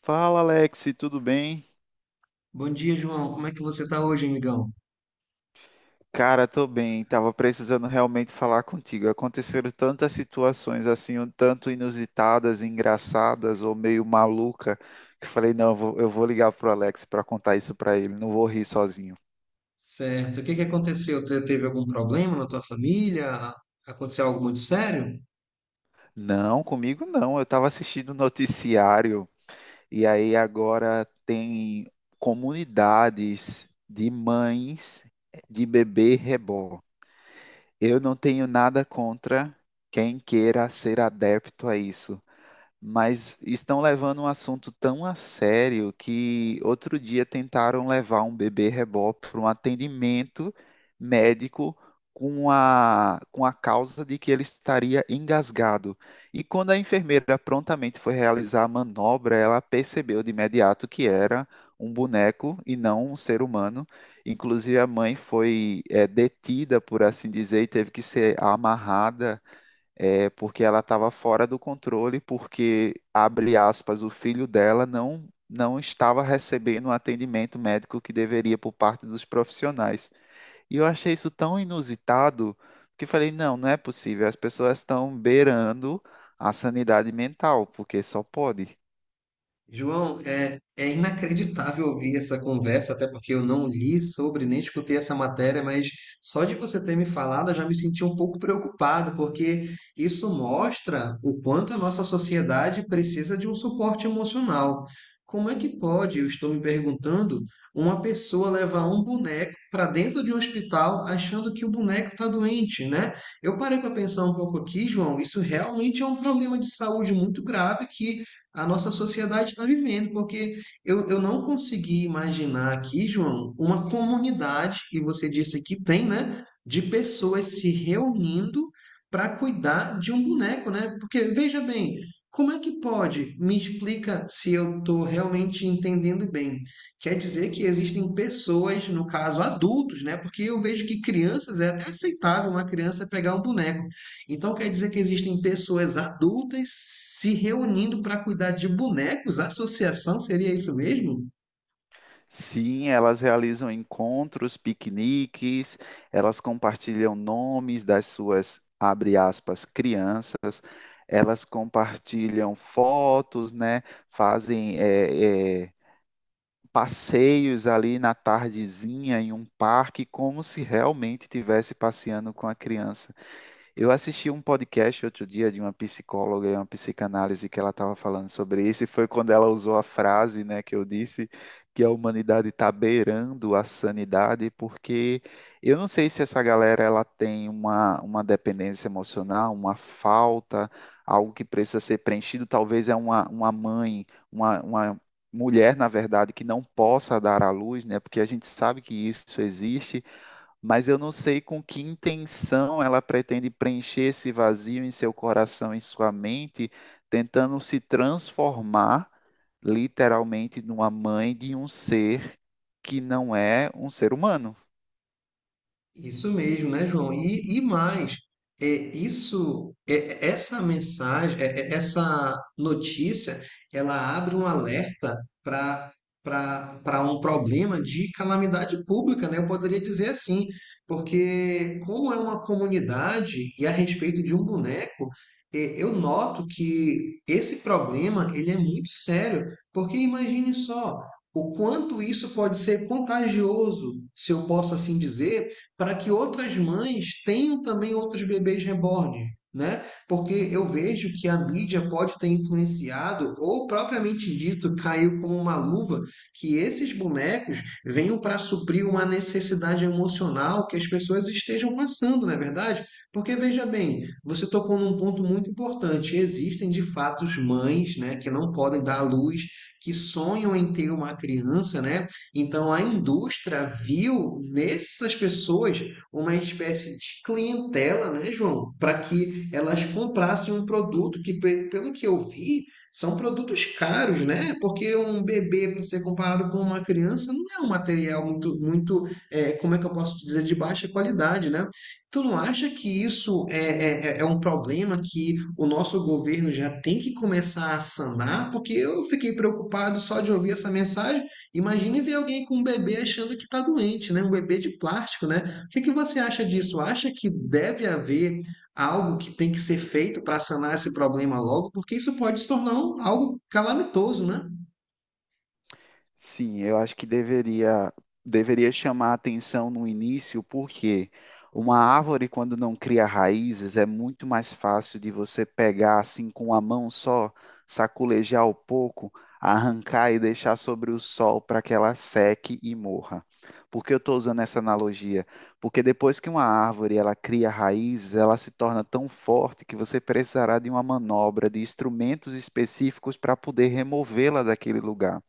Fala, Alex, tudo bem? Bom dia, João. Como é que você está hoje, amigão? Cara, tô bem. Tava precisando realmente falar contigo. Aconteceram tantas situações assim, um tanto inusitadas, engraçadas ou meio maluca, que eu falei, não, eu vou ligar pro Alex pra contar isso pra ele, não vou rir sozinho. Certo. O que que aconteceu? Teve algum problema na tua família? Aconteceu algo muito sério? Não, comigo não. Eu tava assistindo o noticiário e aí agora tem comunidades de mães de bebê reborn. Eu não tenho nada contra quem queira ser adepto a isso, mas estão levando um assunto tão a sério que outro dia tentaram levar um bebê rebó para um atendimento médico com a causa de que ele estaria engasgado. E quando a enfermeira prontamente foi realizar a manobra, ela percebeu de imediato que era um boneco e não um ser humano. Inclusive, a mãe foi, detida, por assim dizer, e teve que ser amarrada, é, porque ela estava fora do controle, porque, abre aspas, o filho dela não, não estava recebendo o atendimento médico que deveria por parte dos profissionais. E eu achei isso tão inusitado que eu falei, não, não é possível, as pessoas estão beirando a sanidade mental, porque só pode. João, é inacreditável ouvir essa conversa, até porque eu não li sobre nem escutei essa matéria, mas só de você ter me falado, eu já me senti um pouco preocupado, porque isso mostra o quanto a nossa sociedade precisa de um suporte emocional. Como é que pode, eu estou me perguntando, uma pessoa levar um boneco para dentro de um hospital achando que o boneco está doente, né? Eu parei para pensar um pouco aqui, João, isso realmente é um problema de saúde muito grave que a nossa sociedade está vivendo, porque eu não consegui imaginar aqui, João, uma comunidade, e você disse que tem, né, de pessoas se reunindo para cuidar de um boneco, né? Porque veja bem, como é que pode? Me explica se eu estou realmente entendendo bem. Quer dizer que existem pessoas, no caso adultos, né? Porque eu vejo que crianças é até aceitável uma criança pegar um boneco. Então quer dizer que existem pessoas adultas se reunindo para cuidar de bonecos? A associação seria isso mesmo? Sim, elas realizam encontros, piqueniques, elas compartilham nomes das suas, abre aspas, crianças, elas compartilham fotos, né? Fazem passeios ali na tardezinha em um parque, como se realmente estivesse passeando com a criança. Eu assisti um podcast outro dia de uma psicóloga e uma psicanálise que ela estava falando sobre isso, e foi quando ela usou a frase, né, que eu disse que a humanidade está beirando a sanidade, porque eu não sei se essa galera ela tem uma dependência emocional, uma falta, algo que precisa ser preenchido, talvez é uma mãe, uma mulher, na verdade, que não possa dar à luz, né, porque a gente sabe que isso existe, mas eu não sei com que intenção ela pretende preencher esse vazio em seu coração, em sua mente, tentando se transformar literalmente numa mãe de um ser que não é um ser humano. Isso mesmo, né, João? E mais, é, isso, essa mensagem, essa notícia, ela abre um alerta para para um problema de calamidade pública, né? Eu poderia dizer assim, porque como é uma comunidade e a respeito de um boneco, eu noto que esse problema ele é muito sério, porque imagine só o quanto isso pode ser contagioso, se eu posso assim dizer para que outras mães tenham também outros bebês reborn. Né? Porque eu vejo que a mídia pode ter influenciado, ou propriamente dito, caiu como uma luva, que esses bonecos venham para suprir uma necessidade emocional que as pessoas estejam passando, não é verdade? Porque veja bem, você tocou num ponto muito importante. Existem de fato mães, né, que não podem dar à luz, que sonham em ter uma criança, né? Então a indústria viu nessas pessoas uma espécie de clientela, né, João? Para que elas comprassem um produto que, pelo que eu vi, são produtos caros, né? Porque um bebê, para ser comparado com uma criança, não é um material muito, como é que eu posso dizer, de baixa qualidade, né? Tu não acha que isso é um problema que o nosso governo já tem que começar a sanar? Porque eu fiquei preocupado só de ouvir essa mensagem. Imagine ver alguém com um bebê achando que está doente, né? Um bebê de plástico, né? O que que você acha disso? Acha que deve haver algo que tem que ser feito para sanar esse problema logo? Porque isso pode se tornar algo calamitoso, né? Sim, eu acho que deveria chamar a atenção no início, porque uma árvore, quando não cria raízes, é muito mais fácil de você pegar assim com a mão só, saculejar um pouco, arrancar e deixar sobre o sol para que ela seque e morra. Por que eu estou usando essa analogia? Porque depois que uma árvore ela cria raízes, ela se torna tão forte que você precisará de uma manobra, de instrumentos específicos para poder removê-la daquele lugar.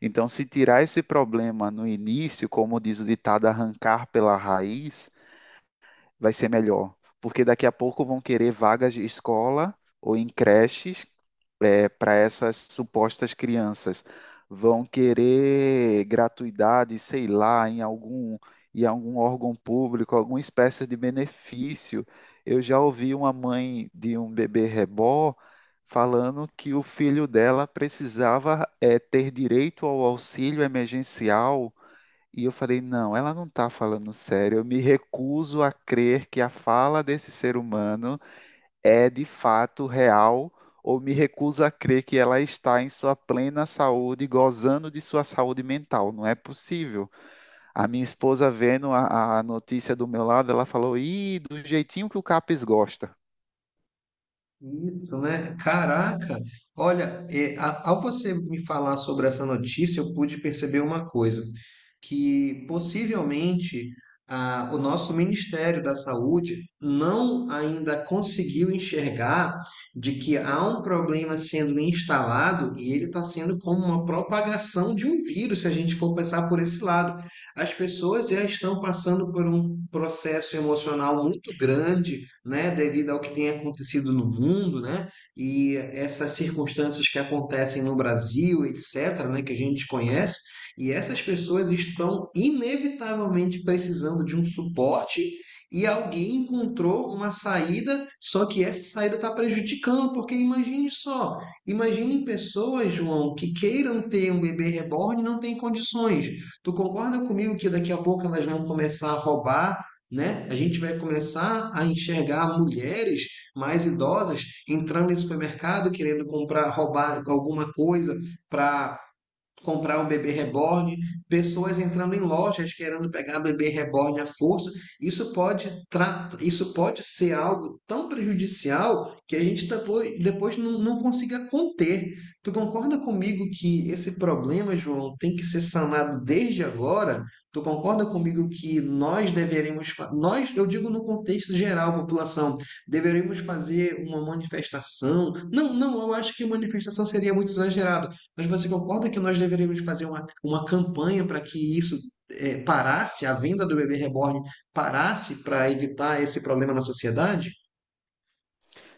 Então, se tirar esse problema no início, como diz o ditado, arrancar pela raiz, vai ser melhor. Porque daqui a pouco vão querer vagas de escola ou em creches para essas supostas crianças. Vão querer gratuidade, sei lá, em algum órgão público, alguma espécie de benefício. Eu já ouvi uma mãe de um bebê reborn falando que o filho dela precisava, ter direito ao auxílio emergencial. E eu falei, não, ela não está falando sério. Eu me recuso a crer que a fala desse ser humano é de fato real, ou me recuso a crer que ela está em sua plena saúde, gozando de sua saúde mental. Não é possível. A minha esposa, vendo a notícia do meu lado, ela falou: Ih, do jeitinho que o Capes gosta. Isso, né? Caraca! Olha, ao você me falar sobre essa notícia, eu pude perceber uma coisa, que possivelmente o nosso Ministério da Saúde não ainda conseguiu enxergar de que há um problema sendo instalado e ele está sendo como uma propagação de um vírus, se a gente for pensar por esse lado, as pessoas já estão passando por um processo emocional muito grande, né, devido ao que tem acontecido no mundo, né, e essas circunstâncias que acontecem no Brasil, etc., né, que a gente conhece, e essas pessoas estão inevitavelmente precisando de um suporte e alguém encontrou uma saída, só que essa saída está prejudicando, porque imagine só, imaginem pessoas, João, que queiram ter um bebê reborn e não têm condições. Tu concorda comigo que daqui a pouco elas vão começar a roubar, né? A gente vai começar a enxergar mulheres mais idosas entrando em supermercado querendo comprar, roubar alguma coisa para comprar um bebê reborn, pessoas entrando em lojas querendo pegar bebê reborn à força. Isso pode, isso pode ser algo tão prejudicial que a gente depois não, não consiga conter. Tu concorda comigo que esse problema, João, tem que ser sanado desde agora? Tu concorda comigo que nós nós, eu digo no contexto geral, população, deveríamos fazer uma manifestação? Não, não, eu acho que manifestação seria muito exagerado, mas você concorda que nós deveríamos fazer uma campanha para que isso parasse, a venda do bebê reborn parasse para evitar esse problema na sociedade?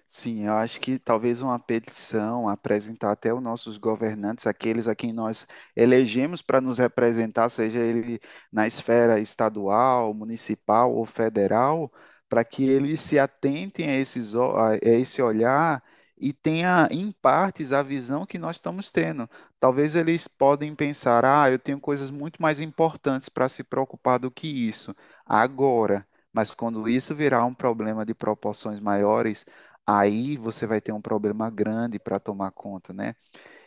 Sim, eu acho que talvez uma petição apresentar até os nossos governantes, aqueles a quem nós elegemos para nos representar, seja ele na esfera estadual, municipal ou federal, para que eles se atentem a, esses, a esse olhar e tenha em partes a visão que nós estamos tendo. Talvez eles podem pensar, ah, eu tenho coisas muito mais importantes para se preocupar do que isso agora. Mas quando isso virar um problema de proporções maiores, aí você vai ter um problema grande para tomar conta, né?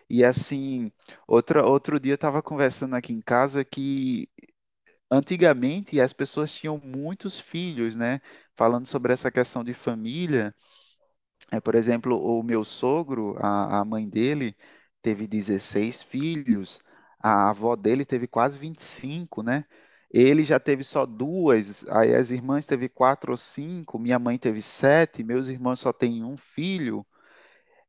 E assim, outro dia eu estava conversando aqui em casa que antigamente as pessoas tinham muitos filhos, né? Falando sobre essa questão de família, é, por exemplo, o meu sogro, a mãe dele, teve 16 filhos, a avó dele teve quase 25, né? Ele já teve só duas, aí as irmãs teve quatro ou cinco, minha mãe teve sete, meus irmãos só têm um filho.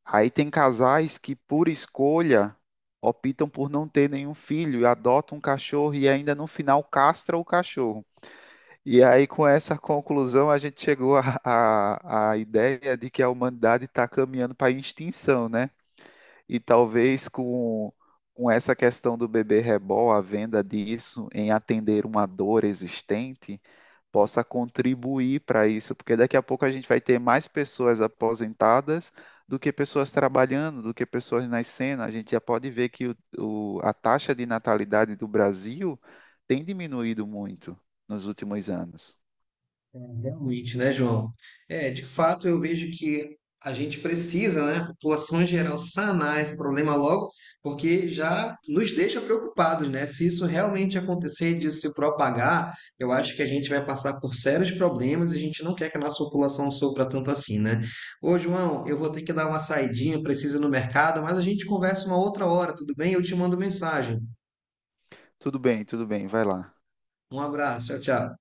Aí tem casais que, por escolha, optam por não ter nenhum filho e adotam um cachorro e ainda no final castra o cachorro. E aí, com essa conclusão, a gente chegou à ideia de que a humanidade está caminhando para a extinção, né? E talvez com essa questão do bebê reborn, a venda disso em atender uma dor existente, possa contribuir para isso, porque daqui a pouco a gente vai ter mais pessoas aposentadas do que pessoas trabalhando, do que pessoas nascendo. A gente já pode ver que a taxa de natalidade do Brasil tem diminuído muito nos últimos anos. Realmente, né, João? É, de fato, eu vejo que a gente precisa, né, a população em geral, sanar esse problema logo, porque já nos deixa preocupados, né? Se isso realmente acontecer, de se propagar, eu acho que a gente vai passar por sérios problemas e a gente não quer que a nossa população sofra tanto assim, né? Ô, João, eu vou ter que dar uma saidinha, preciso ir no mercado, mas a gente conversa uma outra hora, tudo bem? Eu te mando mensagem. Tudo bem, vai lá. Um abraço, tchau, tchau.